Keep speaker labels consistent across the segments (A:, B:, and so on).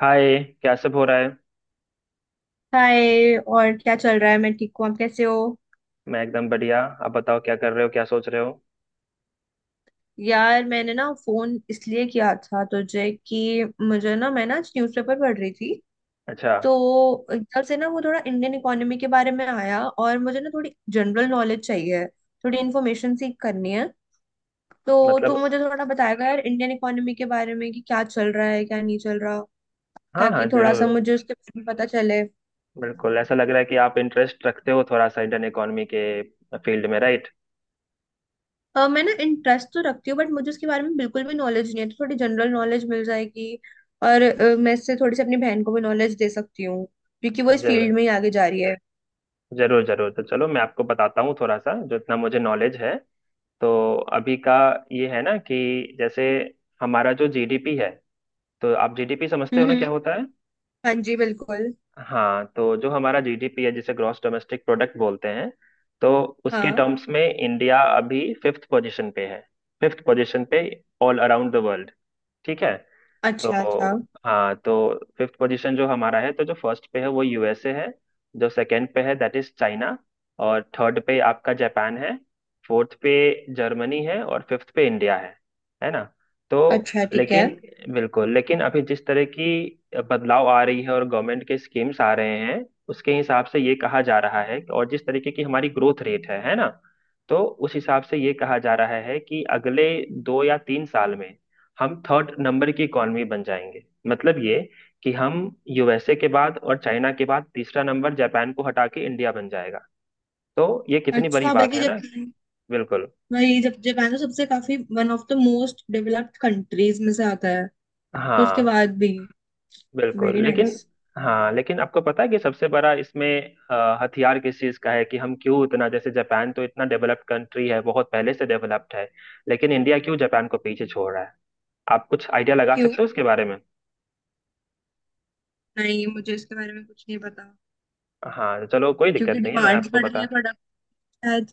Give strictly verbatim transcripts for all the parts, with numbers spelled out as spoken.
A: हाय। क्या सब हो रहा है?
B: हाय और क्या चल रहा है। मैं ठीक हूँ। आप कैसे हो।
A: मैं एकदम बढ़िया। आप बताओ क्या कर रहे हो, क्या सोच रहे हो?
B: यार मैंने ना फोन इसलिए किया था तुझे कि मुझे ना मैं ना न्यूज़पेपर पढ़ रही थी।
A: अच्छा।
B: तो एकदम से ना वो थोड़ा इंडियन इकोनॉमी के बारे में आया और मुझे ना थोड़ी जनरल नॉलेज चाहिए। थोड़ी इन्फॉर्मेशन सीख करनी है। तो तू
A: मतलब।
B: मुझे थोड़ा बताएगा यार इंडियन इकोनॉमी के बारे में कि क्या चल रहा है क्या नहीं चल रहा।
A: हाँ हाँ,
B: ताकि थोड़ा सा
A: जरूर।
B: मुझे उसके बारे में पता चले।
A: बिल्कुल, ऐसा लग रहा है कि आप इंटरेस्ट रखते हो थोड़ा सा इंडियन इकोनॉमी के फील्ड में, राइट?
B: अ, मैं ना इंटरेस्ट तो रखती हूँ बट मुझे उसके बारे में बिल्कुल भी नॉलेज नहीं है तो थोड़ी जनरल नॉलेज मिल जाएगी। और अ, मैं इससे थोड़ी सी अपनी बहन को भी नॉलेज दे सकती हूँ क्योंकि वो इस
A: जरूर
B: फील्ड में ही आगे जा रही है।
A: जरूर जरूर, तो चलो मैं आपको बताता हूँ थोड़ा सा जो इतना मुझे नॉलेज है। तो अभी का ये है ना कि जैसे हमारा जो जीडीपी है। तो आप जीडीपी समझते हो ना क्या
B: हम्म।
A: होता है?
B: हाँ जी बिल्कुल।
A: हाँ, तो जो हमारा जीडीपी है जिसे ग्रॉस डोमेस्टिक प्रोडक्ट बोलते हैं, तो उसके
B: हाँ।
A: टर्म्स में इंडिया अभी फिफ्थ पोजीशन पे है। फिफ्थ पोजीशन पे, ऑल अराउंड द वर्ल्ड। ठीक है? तो
B: अच्छा अच्छा।
A: हाँ, तो फिफ्थ पोजीशन जो हमारा है, तो जो फर्स्ट पे है वो यूएसए है। जो सेकंड पे है, दैट इज चाइना। और थर्ड पे आपका जापान है। फोर्थ पे जर्मनी है, और फिफ्थ पे इंडिया है। है ना? तो
B: अच्छा ठीक है।
A: लेकिन, बिल्कुल, लेकिन अभी जिस तरह की बदलाव आ रही है और गवर्नमेंट के स्कीम्स आ रहे हैं उसके हिसाब से ये कहा जा रहा है, और जिस तरीके की हमारी ग्रोथ रेट है है ना? तो उस हिसाब से ये कहा जा रहा है कि अगले दो या तीन साल में हम थर्ड नंबर की इकोनॉमी बन जाएंगे। मतलब ये कि हम यूएसए के बाद और चाइना के बाद तीसरा नंबर जापान को हटा के इंडिया बन जाएगा। तो ये कितनी बड़ी
B: अच्छा
A: बात
B: बल्कि
A: है ना।
B: जापान,
A: बिल्कुल।
B: वही जब जापान तो सबसे काफी one of the most developed countries में से आता है। तो उसके
A: हाँ,
B: बाद भी।
A: बिल्कुल,
B: वेरी
A: लेकिन
B: नाइस।
A: हाँ, लेकिन आपको पता है कि सबसे बड़ा इसमें अ, हथियार किस चीज़ का है कि हम क्यों इतना जैसे जापान तो इतना डेवलप्ड कंट्री है, बहुत पहले से डेवलप्ड है, लेकिन इंडिया क्यों जापान को पीछे छोड़ रहा है? आप कुछ आइडिया लगा
B: क्यों?
A: सकते हो इसके बारे में?
B: नहीं मुझे इसके बारे में कुछ नहीं पता।
A: हाँ चलो, कोई
B: क्योंकि
A: दिक्कत नहीं है, मैं
B: डिमांड
A: आपको
B: बढ़ रही
A: बता।
B: है प्रोडक्ट शायद।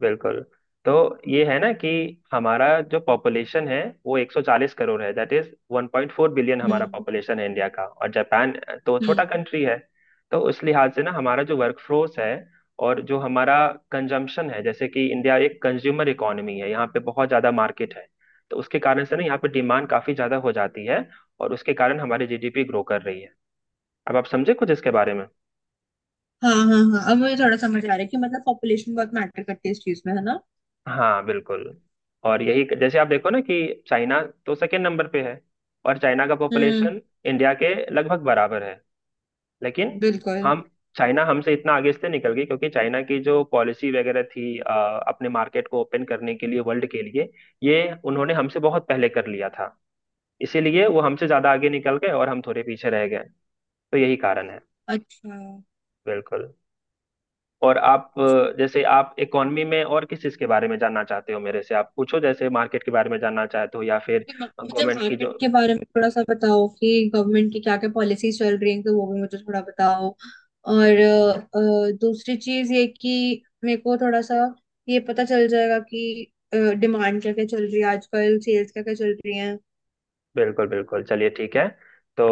A: बिल्कुल। तो ये है ना कि हमारा जो पॉपुलेशन है वो 140 करोड़ है, दैट इज 1.4 बिलियन हमारा
B: हम्म
A: पॉपुलेशन है इंडिया का, और जापान तो छोटा
B: हम्म।
A: कंट्री है। तो उस लिहाज से ना हमारा जो वर्कफोर्स है, और जो हमारा कंजम्पशन है, जैसे कि इंडिया एक कंज्यूमर इकोनॉमी है, यहाँ पे बहुत ज्यादा मार्केट है। तो उसके कारण से ना यहाँ पे डिमांड काफी ज्यादा हो जाती है, और उसके कारण हमारी जीडीपी ग्रो कर रही है। अब आप समझे कुछ इसके बारे में?
B: हाँ हाँ। हाँ अब मुझे थोड़ा समझ आ रहा है कि मतलब पॉपुलेशन बहुत मैटर करती है इस चीज में, है ना।
A: हाँ बिल्कुल। और यही जैसे आप देखो ना कि चाइना तो सेकेंड नंबर पे है, और चाइना का
B: हम्म।
A: पॉपुलेशन इंडिया के लगभग बराबर है। लेकिन
B: बिल्कुल।
A: हम चाइना हमसे इतना आगे इसलिए निकल गई, क्योंकि चाइना की जो पॉलिसी वगैरह थी अ, अपने मार्केट को ओपन करने के लिए वर्ल्ड के लिए, ये उन्होंने हमसे बहुत पहले कर लिया था। इसीलिए वो हमसे ज्यादा आगे निकल गए और हम थोड़े पीछे रह गए। तो यही कारण है।
B: अच्छा
A: बिल्कुल। और आप अ, जैसे आप इकोनॉमी में और किस चीज के बारे में जानना चाहते हो, मेरे से आप पूछो, जैसे मार्केट के बारे में जानना चाहते हो या फिर
B: तो म- मुझे
A: गवर्नमेंट की जो।
B: मार्केट के बारे में थोड़ा सा बताओ कि गवर्नमेंट की क्या क्या पॉलिसीज चल रही हैं तो वो भी मुझे थोड़ा बताओ। और अ, अ, दूसरी चीज ये कि मेरे को थोड़ा सा ये पता चल जाएगा कि डिमांड क्या क्या चल रही है आजकल, सेल्स क्या क्या चल रही है।
A: बिल्कुल बिल्कुल, चलिए ठीक है। तो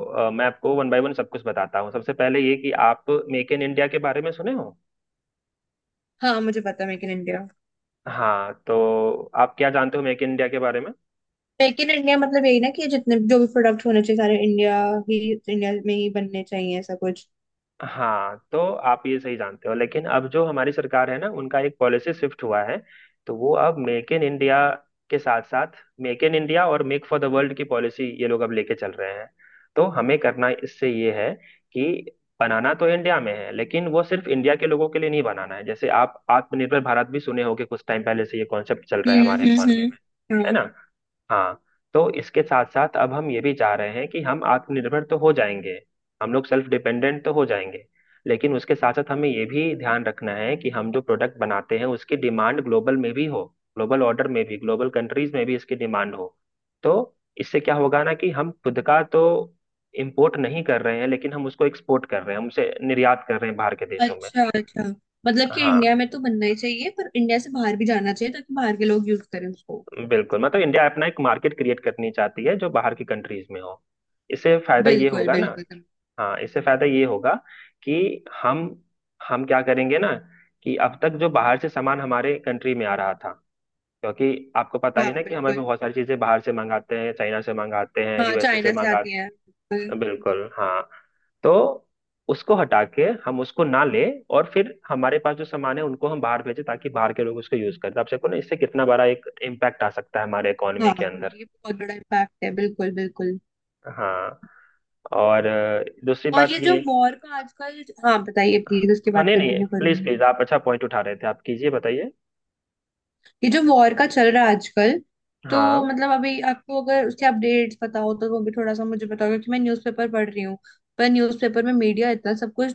A: अ, मैं आपको वन बाय वन सब कुछ बताता हूँ। सबसे पहले ये कि आप मेक इन इंडिया के बारे में सुने हो।
B: हाँ मुझे पता है मेक इन इंडिया।
A: हाँ, तो आप क्या जानते हो मेक इन इंडिया के बारे में?
B: मेक इन इंडिया मतलब यही ना कि जितने जो भी प्रोडक्ट होने चाहिए सारे इंडिया ही इंडिया में ही बनने चाहिए, ऐसा कुछ।
A: हाँ तो आप ये सही जानते हो, लेकिन अब जो हमारी सरकार है ना, उनका एक पॉलिसी शिफ्ट हुआ है। तो वो अब मेक इन इंडिया के साथ साथ मेक इन इंडिया और मेक फॉर द वर्ल्ड की पॉलिसी ये लोग अब लेके चल रहे हैं। तो हमें करना इससे ये है कि बनाना तो इंडिया में है, लेकिन वो सिर्फ इंडिया के लोगों के लिए नहीं बनाना है। जैसे आप आत्मनिर्भर भारत भी सुने होंगे, कुछ टाइम पहले से ये कॉन्सेप्ट चल रहा है
B: हम्म
A: हमारे इकोनॉमी
B: हम्म
A: में, है
B: हम्म,
A: ना? हाँ। तो इसके साथ साथ अब हम ये भी चाह रहे हैं कि हम आत्मनिर्भर तो हो जाएंगे, हम लोग सेल्फ डिपेंडेंट तो हो जाएंगे, लेकिन उसके साथ साथ हमें ये भी ध्यान रखना है कि हम जो प्रोडक्ट बनाते हैं उसकी डिमांड ग्लोबल में भी हो, ग्लोबल ऑर्डर में भी, ग्लोबल कंट्रीज में भी इसकी डिमांड हो। तो इससे क्या होगा ना कि हम खुद का तो इम्पोर्ट नहीं कर रहे हैं, लेकिन हम उसको एक्सपोर्ट कर रहे हैं, हम उसे निर्यात कर रहे हैं बाहर के
B: हाँ
A: देशों में।
B: अच्छा अच्छा। मतलब कि
A: हाँ
B: इंडिया में तो बनना ही चाहिए पर इंडिया से बाहर भी जाना चाहिए ताकि बाहर के लोग यूज करें उसको।
A: बिल्कुल, मतलब इंडिया अपना एक मार्केट क्रिएट करनी चाहती है जो बाहर की कंट्रीज में हो। इससे फायदा ये
B: बिल्कुल
A: होगा ना।
B: बिल्कुल।
A: हाँ, इससे फायदा ये होगा कि हम हम क्या करेंगे ना कि अब तक जो बाहर से सामान हमारे कंट्री में आ रहा था, क्योंकि आपको पता
B: हाँ
A: ही ना कि हमें भी
B: बिल्कुल।
A: बहुत सारी चीजें बाहर से मंगाते हैं, चाइना से मंगाते हैं,
B: हाँ
A: यूएसए से
B: चाइना से
A: मंगा।
B: आती है बिल्कुल।
A: बिल्कुल हाँ। तो उसको हटा के हम उसको ना ले, और फिर हमारे पास जो सामान है उनको हम बाहर भेजें ताकि बाहर के लोग उसको यूज करें। तो आप देखो ना इससे कितना बड़ा एक इम्पैक्ट आ सकता है हमारे इकोनॉमी
B: हाँ
A: के अंदर।
B: ये बहुत बड़ा इम्पैक्ट है बिल्कुल बिल्कुल।
A: हाँ, और अ, दूसरी
B: और
A: बात
B: ये जो
A: ये।
B: वॉर का आजकल, हाँ बताइए प्लीज, उसके
A: हाँ
B: बाद
A: नहीं नहीं,
B: कंटिन्यू करूंगी
A: प्लीज
B: मैं।
A: प्लीज, आप अच्छा पॉइंट उठा रहे थे, आप कीजिए, बताइए।
B: ये जो वॉर का चल रहा है आजकल, तो
A: हाँ
B: मतलब अभी आपको अगर उसके अपडेट्स पता हो तो वो भी थोड़ा सा मुझे बताओ क्योंकि मैं न्यूज़पेपर पढ़ रही हूँ। पर न्यूज़पेपर में मीडिया इतना सब कुछ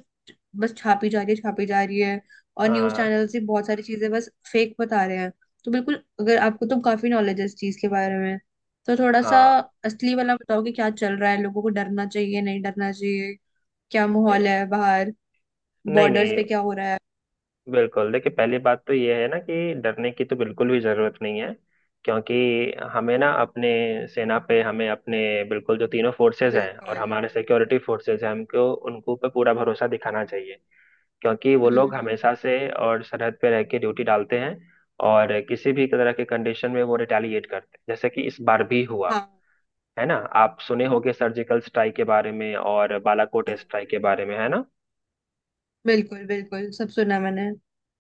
B: बस छापी जा रही है छापी जा रही है। और न्यूज
A: हाँ
B: चैनल्स भी बहुत सारी चीजें बस फेक बता रहे हैं। तो बिल्कुल अगर आपको तो काफी नॉलेज है इस चीज के बारे में, तो थोड़ा सा
A: हाँ।
B: असली वाला बताओ कि क्या चल रहा है, लोगों को डरना चाहिए नहीं डरना चाहिए। क्या
A: ए,
B: माहौल है बाहर?
A: नहीं
B: बॉर्डर्स
A: नहीं।
B: पे क्या हो रहा है?
A: बिल्कुल, देखिए पहली बात तो ये है ना कि डरने की तो बिल्कुल भी जरूरत नहीं है, क्योंकि हमें ना अपने सेना पे हमें अपने बिल्कुल जो तीनों फोर्सेस हैं और
B: बिल्कुल।
A: हमारे सिक्योरिटी फोर्सेस हैं, हमको उनको पे पूरा भरोसा दिखाना चाहिए। क्योंकि वो
B: हम्म
A: लोग
B: हम्म।
A: हमेशा से और सरहद पे रह के ड्यूटी डालते हैं, और किसी भी तरह के कंडीशन में वो रिटेलिएट करते हैं, जैसे कि इस बार भी हुआ,
B: हाँ
A: है ना? आप सुने होंगे सर्जिकल स्ट्राइक के बारे में, और बालाकोट
B: हाँ,
A: स्ट्राइक के बारे में, है ना?
B: बिल्कुल बिल्कुल सब सुना मैंने।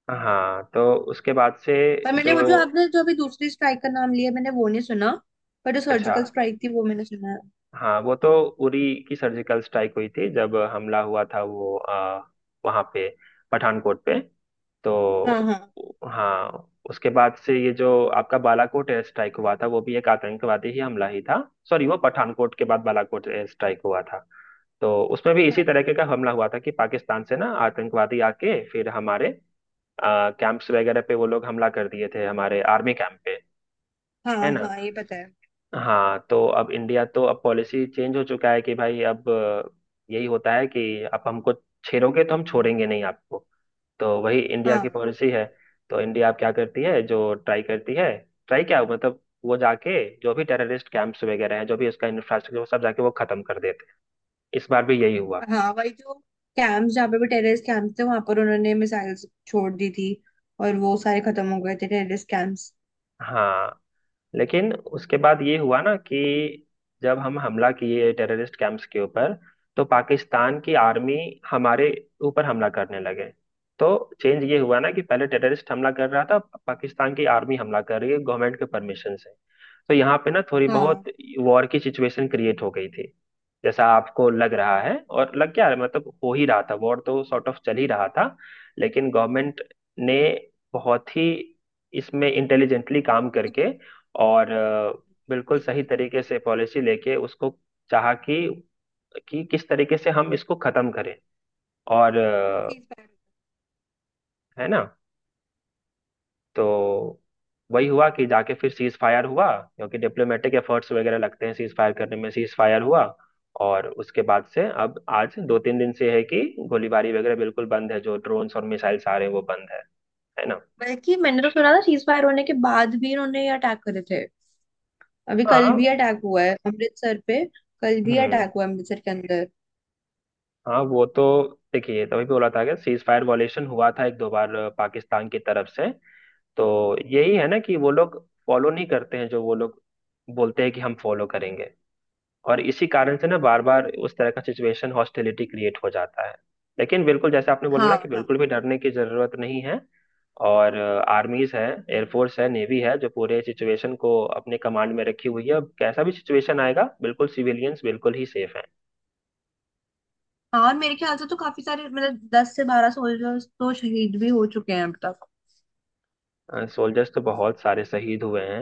A: हाँ, तो उसके बाद से
B: पर मैंने
A: जो।
B: वो जो आपने जो अभी दूसरी स्ट्राइक का नाम लिया मैंने वो नहीं सुना। पर जो
A: अच्छा।
B: सर्जिकल स्ट्राइक थी वो मैंने सुना है।
A: हाँ वो तो उरी की सर्जिकल स्ट्राइक हुई थी, जब हमला हुआ था वो आ, वहां पे, पठानकोट पे।
B: हाँ।
A: तो
B: हाँ
A: हाँ, उसके बाद से ये जो आपका बालाकोट एयर स्ट्राइक हुआ था वो भी एक आतंकवादी ही हमला ही था। सॉरी, वो पठानकोट के बाद बालाकोट एयर स्ट्राइक हुआ था। तो उसमें भी इसी
B: हाँ
A: तरीके का हमला हुआ था कि पाकिस्तान से ना आतंकवादी आके फिर हमारे कैंप्स वगैरह पे वो लोग हमला कर दिए थे, हमारे आर्मी कैंप पे,
B: हाँ
A: है ना?
B: हाँ ये पता है।
A: हाँ, तो अब इंडिया तो अब पॉलिसी चेंज हो चुका है कि भाई, अब अ, यही होता है कि आप हमको छेड़ोगे तो हम छोड़ेंगे नहीं आपको। तो वही इंडिया
B: हाँ
A: की पॉलिसी
B: बिल्कुल।
A: है। तो इंडिया अब क्या करती है जो ट्राई करती है, ट्राई क्या मतलब वो जाके जो भी टेररिस्ट कैंप्स वगैरह हैं, जो भी उसका इंफ्रास्ट्रक्चर, वो सब जाके वो खत्म कर देते हैं। इस बार भी यही हुआ।
B: हाँ वही जो कैंप्स, जहाँ पे भी टेररिस्ट कैंप्स थे वहां पर उन्होंने मिसाइल्स छोड़ दी थी। और वो सारे खत्म हो गए थे टेररिस्ट कैंप्स।
A: हाँ, लेकिन उसके बाद ये हुआ ना कि जब हम हमला किए टेररिस्ट कैंप्स के ऊपर, तो पाकिस्तान की आर्मी हमारे ऊपर हमला करने लगे। तो चेंज ये हुआ ना कि पहले टेररिस्ट हमला कर रहा था, पाकिस्तान की आर्मी हमला कर रही है गवर्नमेंट के परमिशन से। तो यहाँ पे ना थोड़ी बहुत
B: हाँ
A: वॉर की सिचुएशन क्रिएट हो गई थी, जैसा आपको लग रहा है, और लग क्या रहा है, मतलब हो ही रहा था, वॉर तो सॉर्ट ऑफ चल ही रहा था। लेकिन गवर्नमेंट ने बहुत ही इसमें इंटेलिजेंटली काम करके, और अ, बिल्कुल
B: सीज
A: सही
B: फायर कर
A: तरीके
B: दिया।
A: से पॉलिसी लेके उसको चाहा कि कि किस तरीके से हम इसको खत्म करें, और
B: ये
A: अ,
B: सीज फायर।
A: है ना? तो वही हुआ कि जाके फिर सीज फायर हुआ, क्योंकि डिप्लोमेटिक एफर्ट्स वगैरह लगते हैं सीज फायर करने में, सीज फायर हुआ, और उसके बाद से अब आज दो तीन दिन से है कि गोलीबारी वगैरह बिल्कुल बंद है, जो ड्रोन्स और मिसाइल्स आ रहे हैं वो बंद है है ना?
B: बल्कि मैंने तो सुना था सीज फायर होने के बाद भी इन्होंने ये अटैक करे थे। अभी कल
A: हाँ।
B: भी अटैक हुआ है अमृतसर पे। कल भी
A: हम्म।
B: अटैक हुआ है अमृतसर के अंदर।
A: हाँ वो तो, देखिए, तभी बोला था कि सीज फायर वॉलेशन हुआ था एक दो बार अ, पाकिस्तान की तरफ से। तो यही है ना कि वो लोग फॉलो नहीं करते हैं, जो वो लोग बोलते हैं कि हम फॉलो करेंगे। और इसी कारण से ना बार बार उस तरह का सिचुएशन हॉस्टिलिटी क्रिएट हो जाता है। लेकिन बिल्कुल, जैसे आपने बोला
B: हाँ।
A: ना कि
B: हाँ।
A: बिल्कुल भी डरने की जरूरत नहीं है, और आर्मीज है, एयरफोर्स है, नेवी है जो पूरे सिचुएशन को अपने कमांड में रखी हुई है, अब कैसा भी सिचुएशन आएगा बिल्कुल सिविलियंस बिल्कुल ही सेफ
B: हाँ। और मेरे ख्याल से तो काफी सारे मतलब दस से बारह सोल्जर्स तो शहीद भी हो चुके हैं अब तक।
A: हैं। सोल्जर्स तो बहुत सारे शहीद हुए हैं,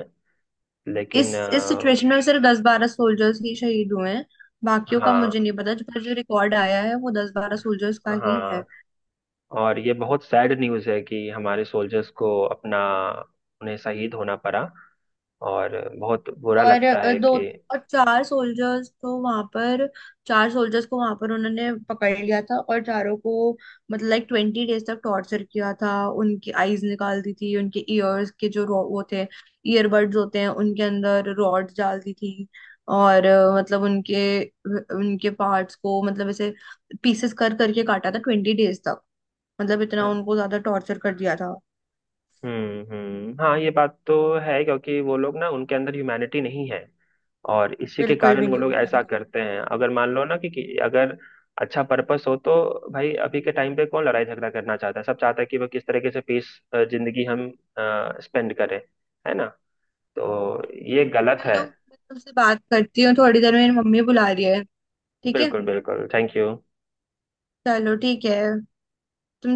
B: इस
A: लेकिन
B: इस
A: अ,
B: सिचुएशन में सिर्फ दस बारह सोल्जर्स ही शहीद हुए हैं। बाकियों का
A: हाँ
B: मुझे नहीं पता पर जो रिकॉर्ड आया है वो दस बारह सोल्जर्स का ही है।
A: हाँ। और ये बहुत सैड न्यूज़ है कि हमारे सोल्जर्स को अपना उन्हें शहीद होना पड़ा, और बहुत बुरा
B: और
A: लगता
B: अ,
A: है
B: दो
A: कि।
B: और चार सोल्जर्स को वहां पर, चार सोल्जर्स को वहां पर उन्होंने पकड़ लिया था और चारों को मतलब लाइक ट्वेंटी डेज तक टॉर्चर किया था। उनकी आईज निकाल दी थी। उनके ईयर्स के जो रो- वो थे, ईयरबड्स होते हैं, उनके अंदर रॉड्स डाल दी थी। और अ, मतलब उनके उनके पार्ट्स को मतलब ऐसे पीसेस कर करके काटा था ट्वेंटी डेज तक। मतलब इतना उनको ज्यादा टॉर्चर कर दिया था।
A: हम्म हम्म, हाँ, ये बात तो है, क्योंकि वो लोग ना उनके अंदर ह्यूमैनिटी नहीं है, और इसी के
B: बिल्कुल
A: कारण
B: भी
A: वो
B: नहीं
A: लोग ऐसा
B: है।
A: करते हैं। अगर मान लो ना कि, कि अगर अच्छा पर्पस हो, तो भाई अभी के टाइम पे कौन लड़ाई झगड़ा करना चाहता है, सब चाहता है कि वो किस तरीके से पीस जिंदगी हम स्पेंड करें, है ना? तो ये गलत है।
B: चलो मैं तुमसे बात करती हूँ, थोड़ी देर में मेरी मम्मी बुला रही है। ठीक है।
A: बिल्कुल बिल्कुल, थैंक यू।
B: चलो ठीक है। तुम